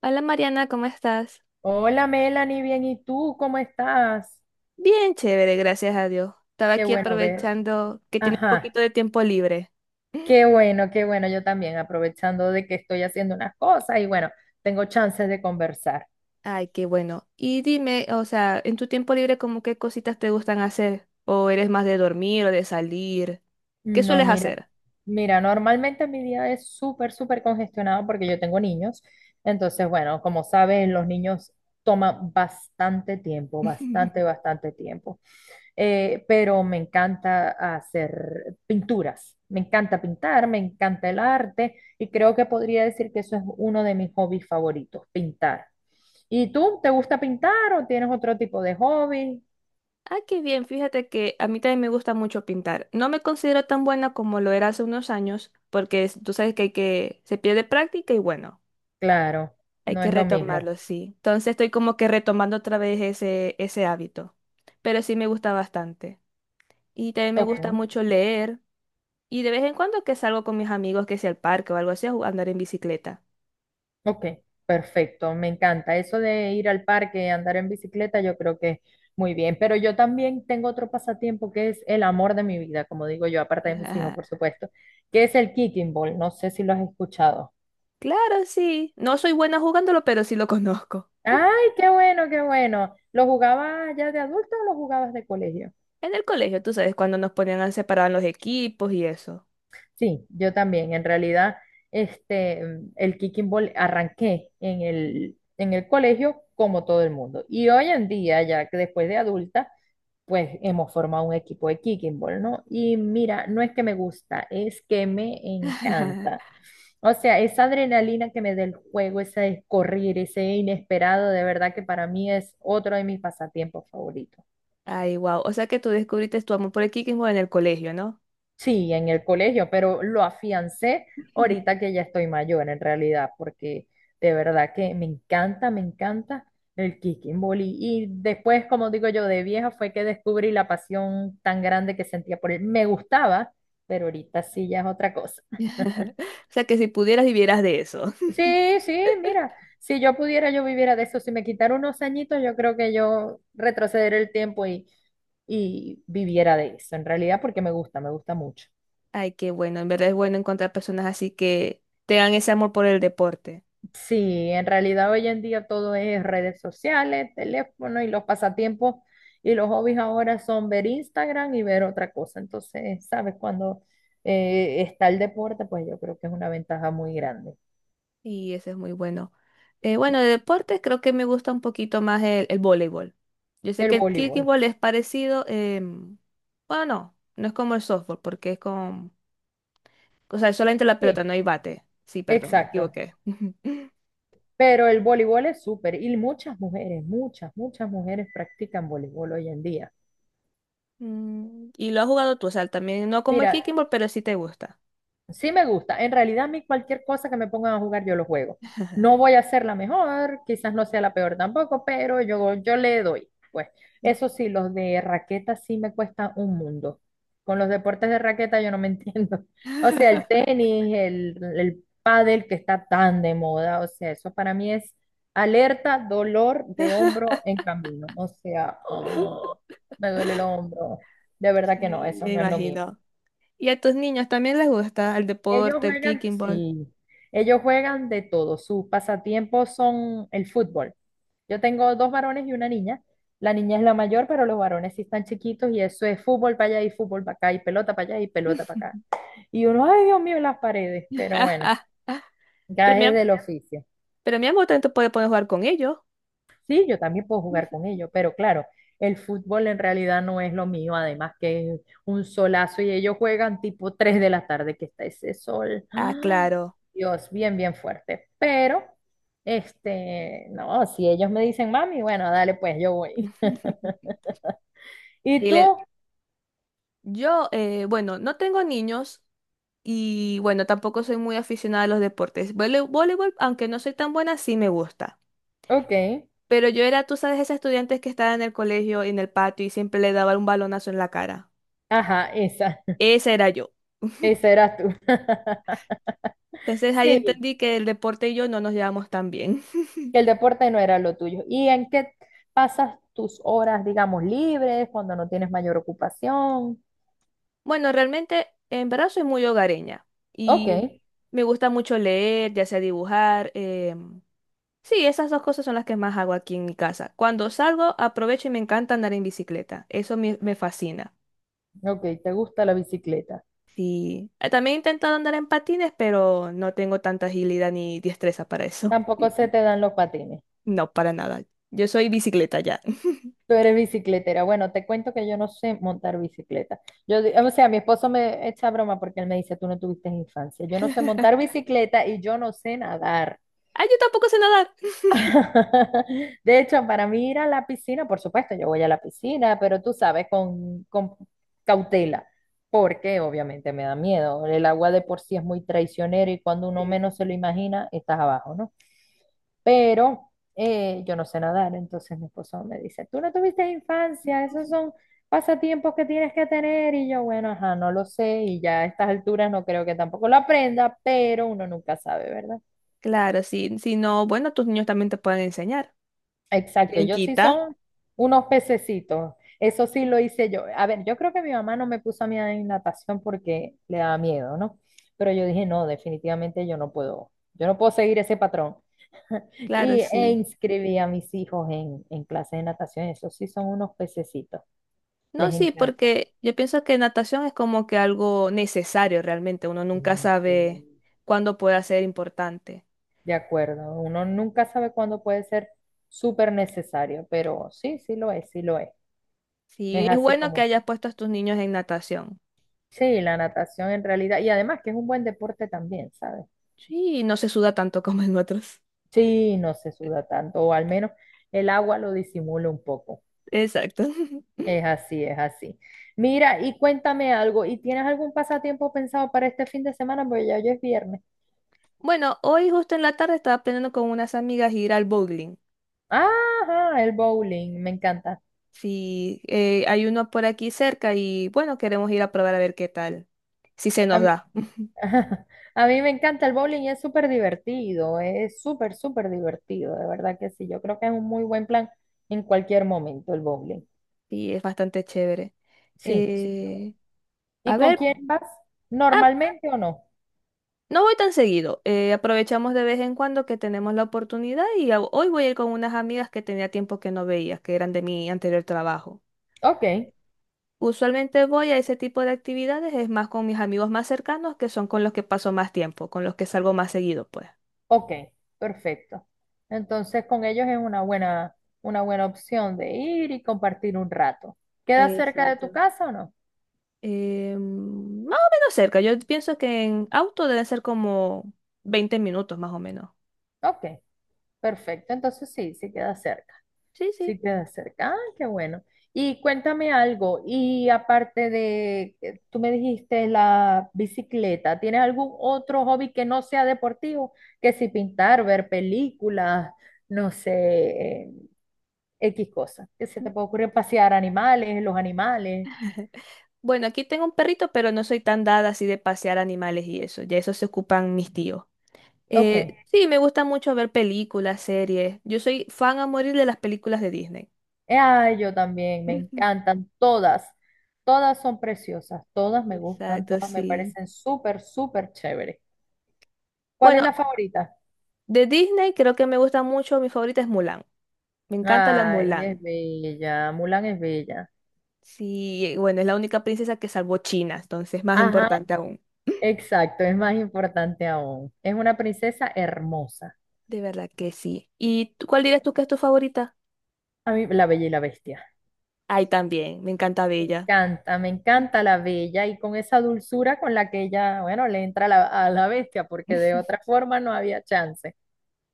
Hola Mariana, ¿cómo estás? Hola Melanie, bien, ¿y tú cómo estás? Bien, chévere, gracias a Dios. Estaba Qué aquí bueno ver. aprovechando que tiene un Ajá, poquito de tiempo libre. Qué bueno, yo también, aprovechando de que estoy haciendo unas cosas y bueno, tengo chances de conversar. Ay, qué bueno. Y dime, o sea, en tu tiempo libre, ¿cómo qué cositas te gustan hacer? ¿O eres más de dormir o de salir? ¿Qué No, sueles mira, hacer? mira, normalmente mi día es súper, súper congestionado porque yo tengo niños. Entonces, bueno, como saben, los niños toman bastante tiempo, bastante, bastante tiempo. Pero me encanta hacer pinturas, me encanta pintar, me encanta el arte y creo que podría decir que eso es uno de mis hobbies favoritos, pintar. ¿Y tú, te gusta pintar o tienes otro tipo de hobby? Ah, qué bien, fíjate que a mí también me gusta mucho pintar. No me considero tan buena como lo era hace unos años, porque tú sabes que hay que se pierde práctica y bueno. Claro, Hay no que es lo mismo. retomarlo, sí. Entonces estoy como que retomando otra vez ese hábito. Pero sí me gusta bastante. Y también me gusta Ok. mucho leer. Y de vez en cuando que salgo con mis amigos, que sea al parque o algo así, andar en bicicleta. Ok, perfecto, me encanta. Eso de ir al parque, andar en bicicleta, yo creo que muy bien. Pero yo también tengo otro pasatiempo que es el amor de mi vida, como digo yo, aparte de mis hijos, Ajá. por supuesto, que es el kicking ball. No sé si lo has escuchado. Claro, sí. No soy buena jugándolo, pero sí lo conozco. Ay, qué bueno, qué bueno. ¿Lo jugabas ya de adulto o lo jugabas de colegio? En el colegio, tú sabes, cuando nos ponían a separar en los equipos y eso. Sí, yo también. En realidad, el kicking ball arranqué en el colegio como todo el mundo. Y hoy en día, ya que después de adulta, pues hemos formado un equipo de kicking ball, ¿no? Y mira, no es que me gusta, es que me encanta. O sea, esa adrenalina que me da el juego, ese correr, ese inesperado, de verdad que para mí es otro de mis pasatiempos favoritos. Ay, wow. O sea que tú descubriste tu amor por el kikismo en el colegio, ¿no? Sí, en el colegio, pero lo afiancé ahorita que ya estoy mayor en realidad, porque de verdad que me encanta el kicking volley. Y después, como digo yo, de vieja fue que descubrí la pasión tan grande que sentía por él. Me gustaba, pero ahorita sí ya es otra cosa. O sea que si pudieras vivieras de eso. Sí, sí, mira, si yo pudiera, yo viviera de eso. Si me quitara unos añitos, yo creo que yo retrocederé el tiempo y viviera de eso, en realidad, porque me gusta mucho. Ay, qué bueno, en verdad es bueno encontrar personas así que tengan ese amor por el deporte. Sí, en realidad hoy en día todo es redes sociales, teléfono y los pasatiempos y los hobbies ahora son ver Instagram y ver otra cosa. Entonces, sabes, cuando está el deporte, pues yo creo que es una ventaja muy grande. Y eso es muy bueno. Y Bueno, de deportes creo que me gusta un poquito más el voleibol. Yo sé el que el voleibol. kickball es parecido, bueno, no, no es como el softball, porque es con, o sea, es solamente la pelota, Sí, no hay bate. Sí, perdón, me exacto. equivoqué. Pero el voleibol es súper y muchas mujeres, muchas, muchas mujeres practican voleibol hoy en día. Mm, y lo has jugado tú, o sea, también no como el Mira, kickball, pero sí te gusta. sí me gusta. En realidad a mí cualquier cosa que me pongan a jugar yo lo juego. No voy a ser la mejor, quizás no sea la peor tampoco, pero yo le doy. Pues eso sí, los de raqueta sí me cuesta un mundo. Con los deportes de raqueta yo no me entiendo. O sea, el tenis, el pádel que está tan de moda, o sea, eso para mí es alerta, dolor de hombro en camino. O sea, ¡oh! me duele el hombro. De verdad que no, Sí, eso me no es lo mío. imagino. ¿Y a tus niños también les gusta el Ellos deporte, el juegan, kicking ball? sí, ellos juegan de todo. Sus pasatiempos son el fútbol. Yo tengo dos varones y una niña. La niña es la mayor, pero los varones sí están chiquitos y eso es fútbol para allá y fútbol para acá y pelota para allá y pelota para acá. Y uno, ay Dios mío, las paredes, pero bueno, Pero ya mi, es del am- oficio. pero mi amor también te puede poder jugar con ellos. Sí, yo también puedo jugar con ellos, pero claro, el fútbol en realidad no es lo mío, además que es un solazo y ellos juegan tipo 3 de la tarde que está ese sol. Ah, ¡Ah! claro. Dios, bien, bien fuerte. Pero, no, si ellos me dicen, mami, bueno, dale, pues yo voy. ¿Y Y le- tú? yo, bueno, no tengo niños y bueno, tampoco soy muy aficionada a los deportes. Voleibol, aunque no soy tan buena, sí me gusta. Ok, Pero yo era, tú sabes, esa estudiante que estaba en el colegio, en el patio y siempre le daba un balonazo en la cara. ajá, esa, Esa era yo. esa eras tú. Entonces ahí Sí, entendí que el deporte y yo no nos llevamos tan bien. que el deporte no era lo tuyo. ¿Y en qué pasas tus horas, digamos, libres, cuando no tienes mayor ocupación? Bueno, realmente en verdad soy muy hogareña Ok. y me gusta mucho leer, ya sea dibujar. Sí, esas dos cosas son las que más hago aquí en mi casa. Cuando salgo, aprovecho y me encanta andar en bicicleta. Me fascina. Ok, te gusta la bicicleta. Sí, también he intentado andar en patines, pero no tengo tanta agilidad ni destreza para eso. Tampoco se te dan los patines. No, para nada. Yo soy bicicleta ya. Tú eres bicicletera. Bueno, te cuento que yo no sé montar bicicleta. Yo, di- o sea, mi esposo me echa broma porque él me dice, tú no tuviste infancia. Yo no sé montar bicicleta y yo no sé nadar. Ah, yo tampoco sé nadar. De hecho, para mí ir a la piscina, por supuesto, yo voy a la piscina, pero tú sabes, con cautela, porque obviamente me da miedo. El agua de por sí es muy traicionera y cuando uno menos se lo imagina, estás abajo, ¿no? Pero yo no sé nadar, entonces mi esposo me dice, tú no tuviste infancia, esos son pasatiempos que tienes que tener, y yo, bueno, ajá, no lo sé, y ya a estas alturas no creo que tampoco lo aprenda, pero uno nunca sabe, ¿verdad? Claro, sí. Si no, bueno, tus niños también te pueden enseñar. Exacto, ¿Quién ellos sí quita? son unos pececitos. Eso sí lo hice yo. A ver, yo creo que mi mamá no me puso a mí en natación porque le daba miedo, ¿no? Pero yo dije, no, definitivamente yo no puedo seguir ese patrón. Claro, Y e sí. inscribí a mis hijos en clases de natación. Esos sí son unos pececitos, No, les sí, encanta. porque yo pienso que natación es como que algo necesario realmente. Uno nunca Sí, sí. sabe cuándo pueda ser importante. De acuerdo, uno nunca sabe cuándo puede ser súper necesario, pero sí, sí lo es, sí lo es. Sí, Es es así bueno que como... hayas puesto a tus niños en natación. Sí, la natación en realidad, y además que es un buen deporte también, ¿sabes? Sí, no se suda tanto como en otros. Sí, no se suda tanto, o al menos el agua lo disimula un poco. Exacto. Es así, es así. Mira, y cuéntame algo, ¿y tienes algún pasatiempo pensado para este fin de semana? Porque ya hoy es viernes. Bueno, hoy justo en la tarde estaba planeando con unas amigas ir al bowling. Ajá, el bowling, me encanta. Sí, hay uno por aquí cerca y bueno, queremos ir a probar a ver qué tal. Si se A nos mí, da. a mí me encanta el bowling, es súper divertido, es súper, súper divertido, de verdad que sí. Yo creo que es un muy buen plan en cualquier momento el bowling. Y es bastante chévere. Sí, sí. Eh, ¿Y a con ver. quién vas? ah ¿Normalmente o no? No voy tan seguido, aprovechamos de vez en cuando que tenemos la oportunidad y hoy voy a ir con unas amigas que tenía tiempo que no veía, que eran de mi anterior trabajo. Ok, Usualmente voy a ese tipo de actividades, es más con mis amigos más cercanos, que son con los que paso más tiempo, con los que salgo más seguido, pues. ok, perfecto. Entonces con ellos es una buena opción de ir y compartir un rato. ¿Queda cerca de tu Exacto. casa o no? Más o menos cerca, yo pienso que en auto deben ser como 20 minutos más o menos. Ok, perfecto. Entonces sí, sí queda cerca. Sí, sí. Sí queda cerca. Ah, qué bueno. Y cuéntame algo. Y aparte de, tú me dijiste la bicicleta, ¿tienes algún otro hobby que no sea deportivo? Que si pintar, ver películas, no sé, eh, X cosas. Que se te Mm. puede ocurrir pasear animales, los animales. Bueno, aquí tengo un perrito, pero no soy tan dada así de pasear animales y eso, ya eso se ocupan mis tíos. Ok. Sí, me gusta mucho ver películas, series. Yo soy fan a morir de las películas de Disney. Ay, yo también, me Ujú. encantan todas. Todas son preciosas, todas me gustan, Exacto, todas me sí. parecen súper, súper chéveres. ¿Cuál es Bueno, la favorita? de Disney creo que me gusta mucho, mi favorita es Mulan. Me encanta la Ay, es Mulan. bella, Mulan es bella. Sí, bueno, es la única princesa que salvó China, entonces más Ajá, importante aún. exacto, es más importante aún. Es una princesa hermosa. De verdad que sí. ¿Y cuál dirías tú que es tu favorita? A mí, la Bella y la Bestia. Ay, también, me encanta Bella. Me encanta la bella y con esa dulzura con la que ella, bueno, le entra a la bestia, porque de otra forma no había chance.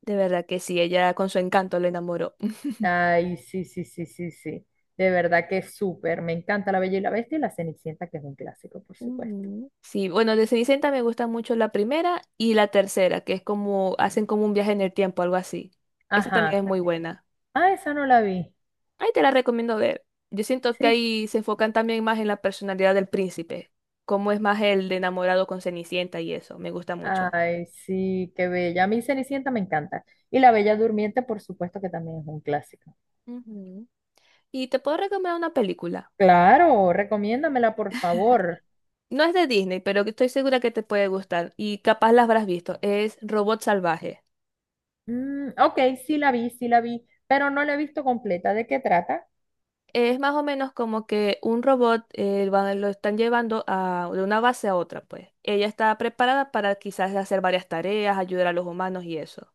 De verdad que sí, ella con su encanto lo enamoró. Ay, sí, sí, sí, sí, sí. De verdad que es súper. Me encanta la bella y la bestia y la Cenicienta, que es un clásico, por supuesto. Ujú. Sí, bueno, de Cenicienta me gusta mucho la primera y la tercera, que es como hacen como un viaje en el tiempo, algo así. Esa también es Ajá. muy buena. Ah, esa no la vi. Ahí te la recomiendo ver. Yo siento que Sí. ahí se enfocan también más en la personalidad del príncipe, cómo es más el de enamorado con Cenicienta y eso, me gusta mucho. Ay, sí, qué bella. A mí Cenicienta me encanta. Y la Bella Durmiente, por supuesto que también es un clásico. Ujú. Y te puedo recomendar una película. Claro, recomiéndamela, por favor. No es de Disney, pero que estoy segura que te puede gustar y capaz la habrás visto. Es Robot Salvaje. Mm, ok, sí la vi, pero no la he visto completa. ¿De qué trata? Es más o menos como que un robot lo están llevando a, de una base a otra, pues. Ella está preparada para quizás hacer varias tareas, ayudar a los humanos y eso.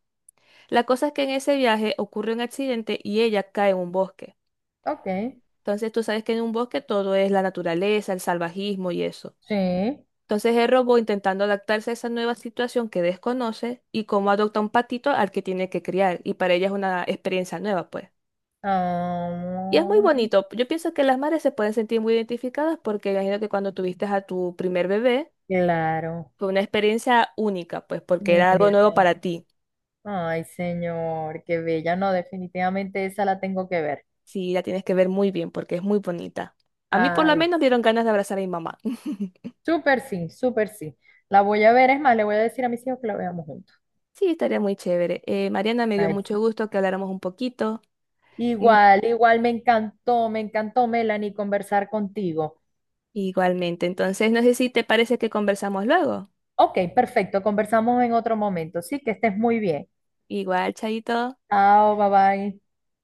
La cosa es que en ese viaje ocurre un accidente y ella cae en un bosque. Ok, Entonces tú sabes que en un bosque todo es la naturaleza, el salvajismo y eso. sí. Entonces el robot intentando adaptarse a esa nueva situación que desconoce y cómo adopta un patito al que tiene que criar. Y para ella es una experiencia nueva, pues. Y es muy Ah, bonito. Yo pienso que las madres se pueden sentir muy identificadas porque imagino que cuando tuviste a tu primer bebé claro, fue una experiencia única, pues porque era algo única. nuevo para ti. Ay, señor, qué bella. No, definitivamente esa la tengo que ver. Sí, la tienes que ver muy bien porque es muy bonita. A mí por lo Ay, menos dieron ganas de abrazar a mi mamá. súper sí, súper sí. La voy a ver, es más, le voy a decir a mis hijos que la veamos juntos. Sí, estaría muy chévere. Mariana, me dio Ay, mucho sí. gusto que habláramos un poquito. Mm, Igual, igual me encantó, Melanie, conversar contigo. igualmente. Entonces, no sé si te parece que conversamos luego. Ok, perfecto, conversamos en otro momento. Sí, que estés muy bien. Igual, Chaito. Chao, bye bye.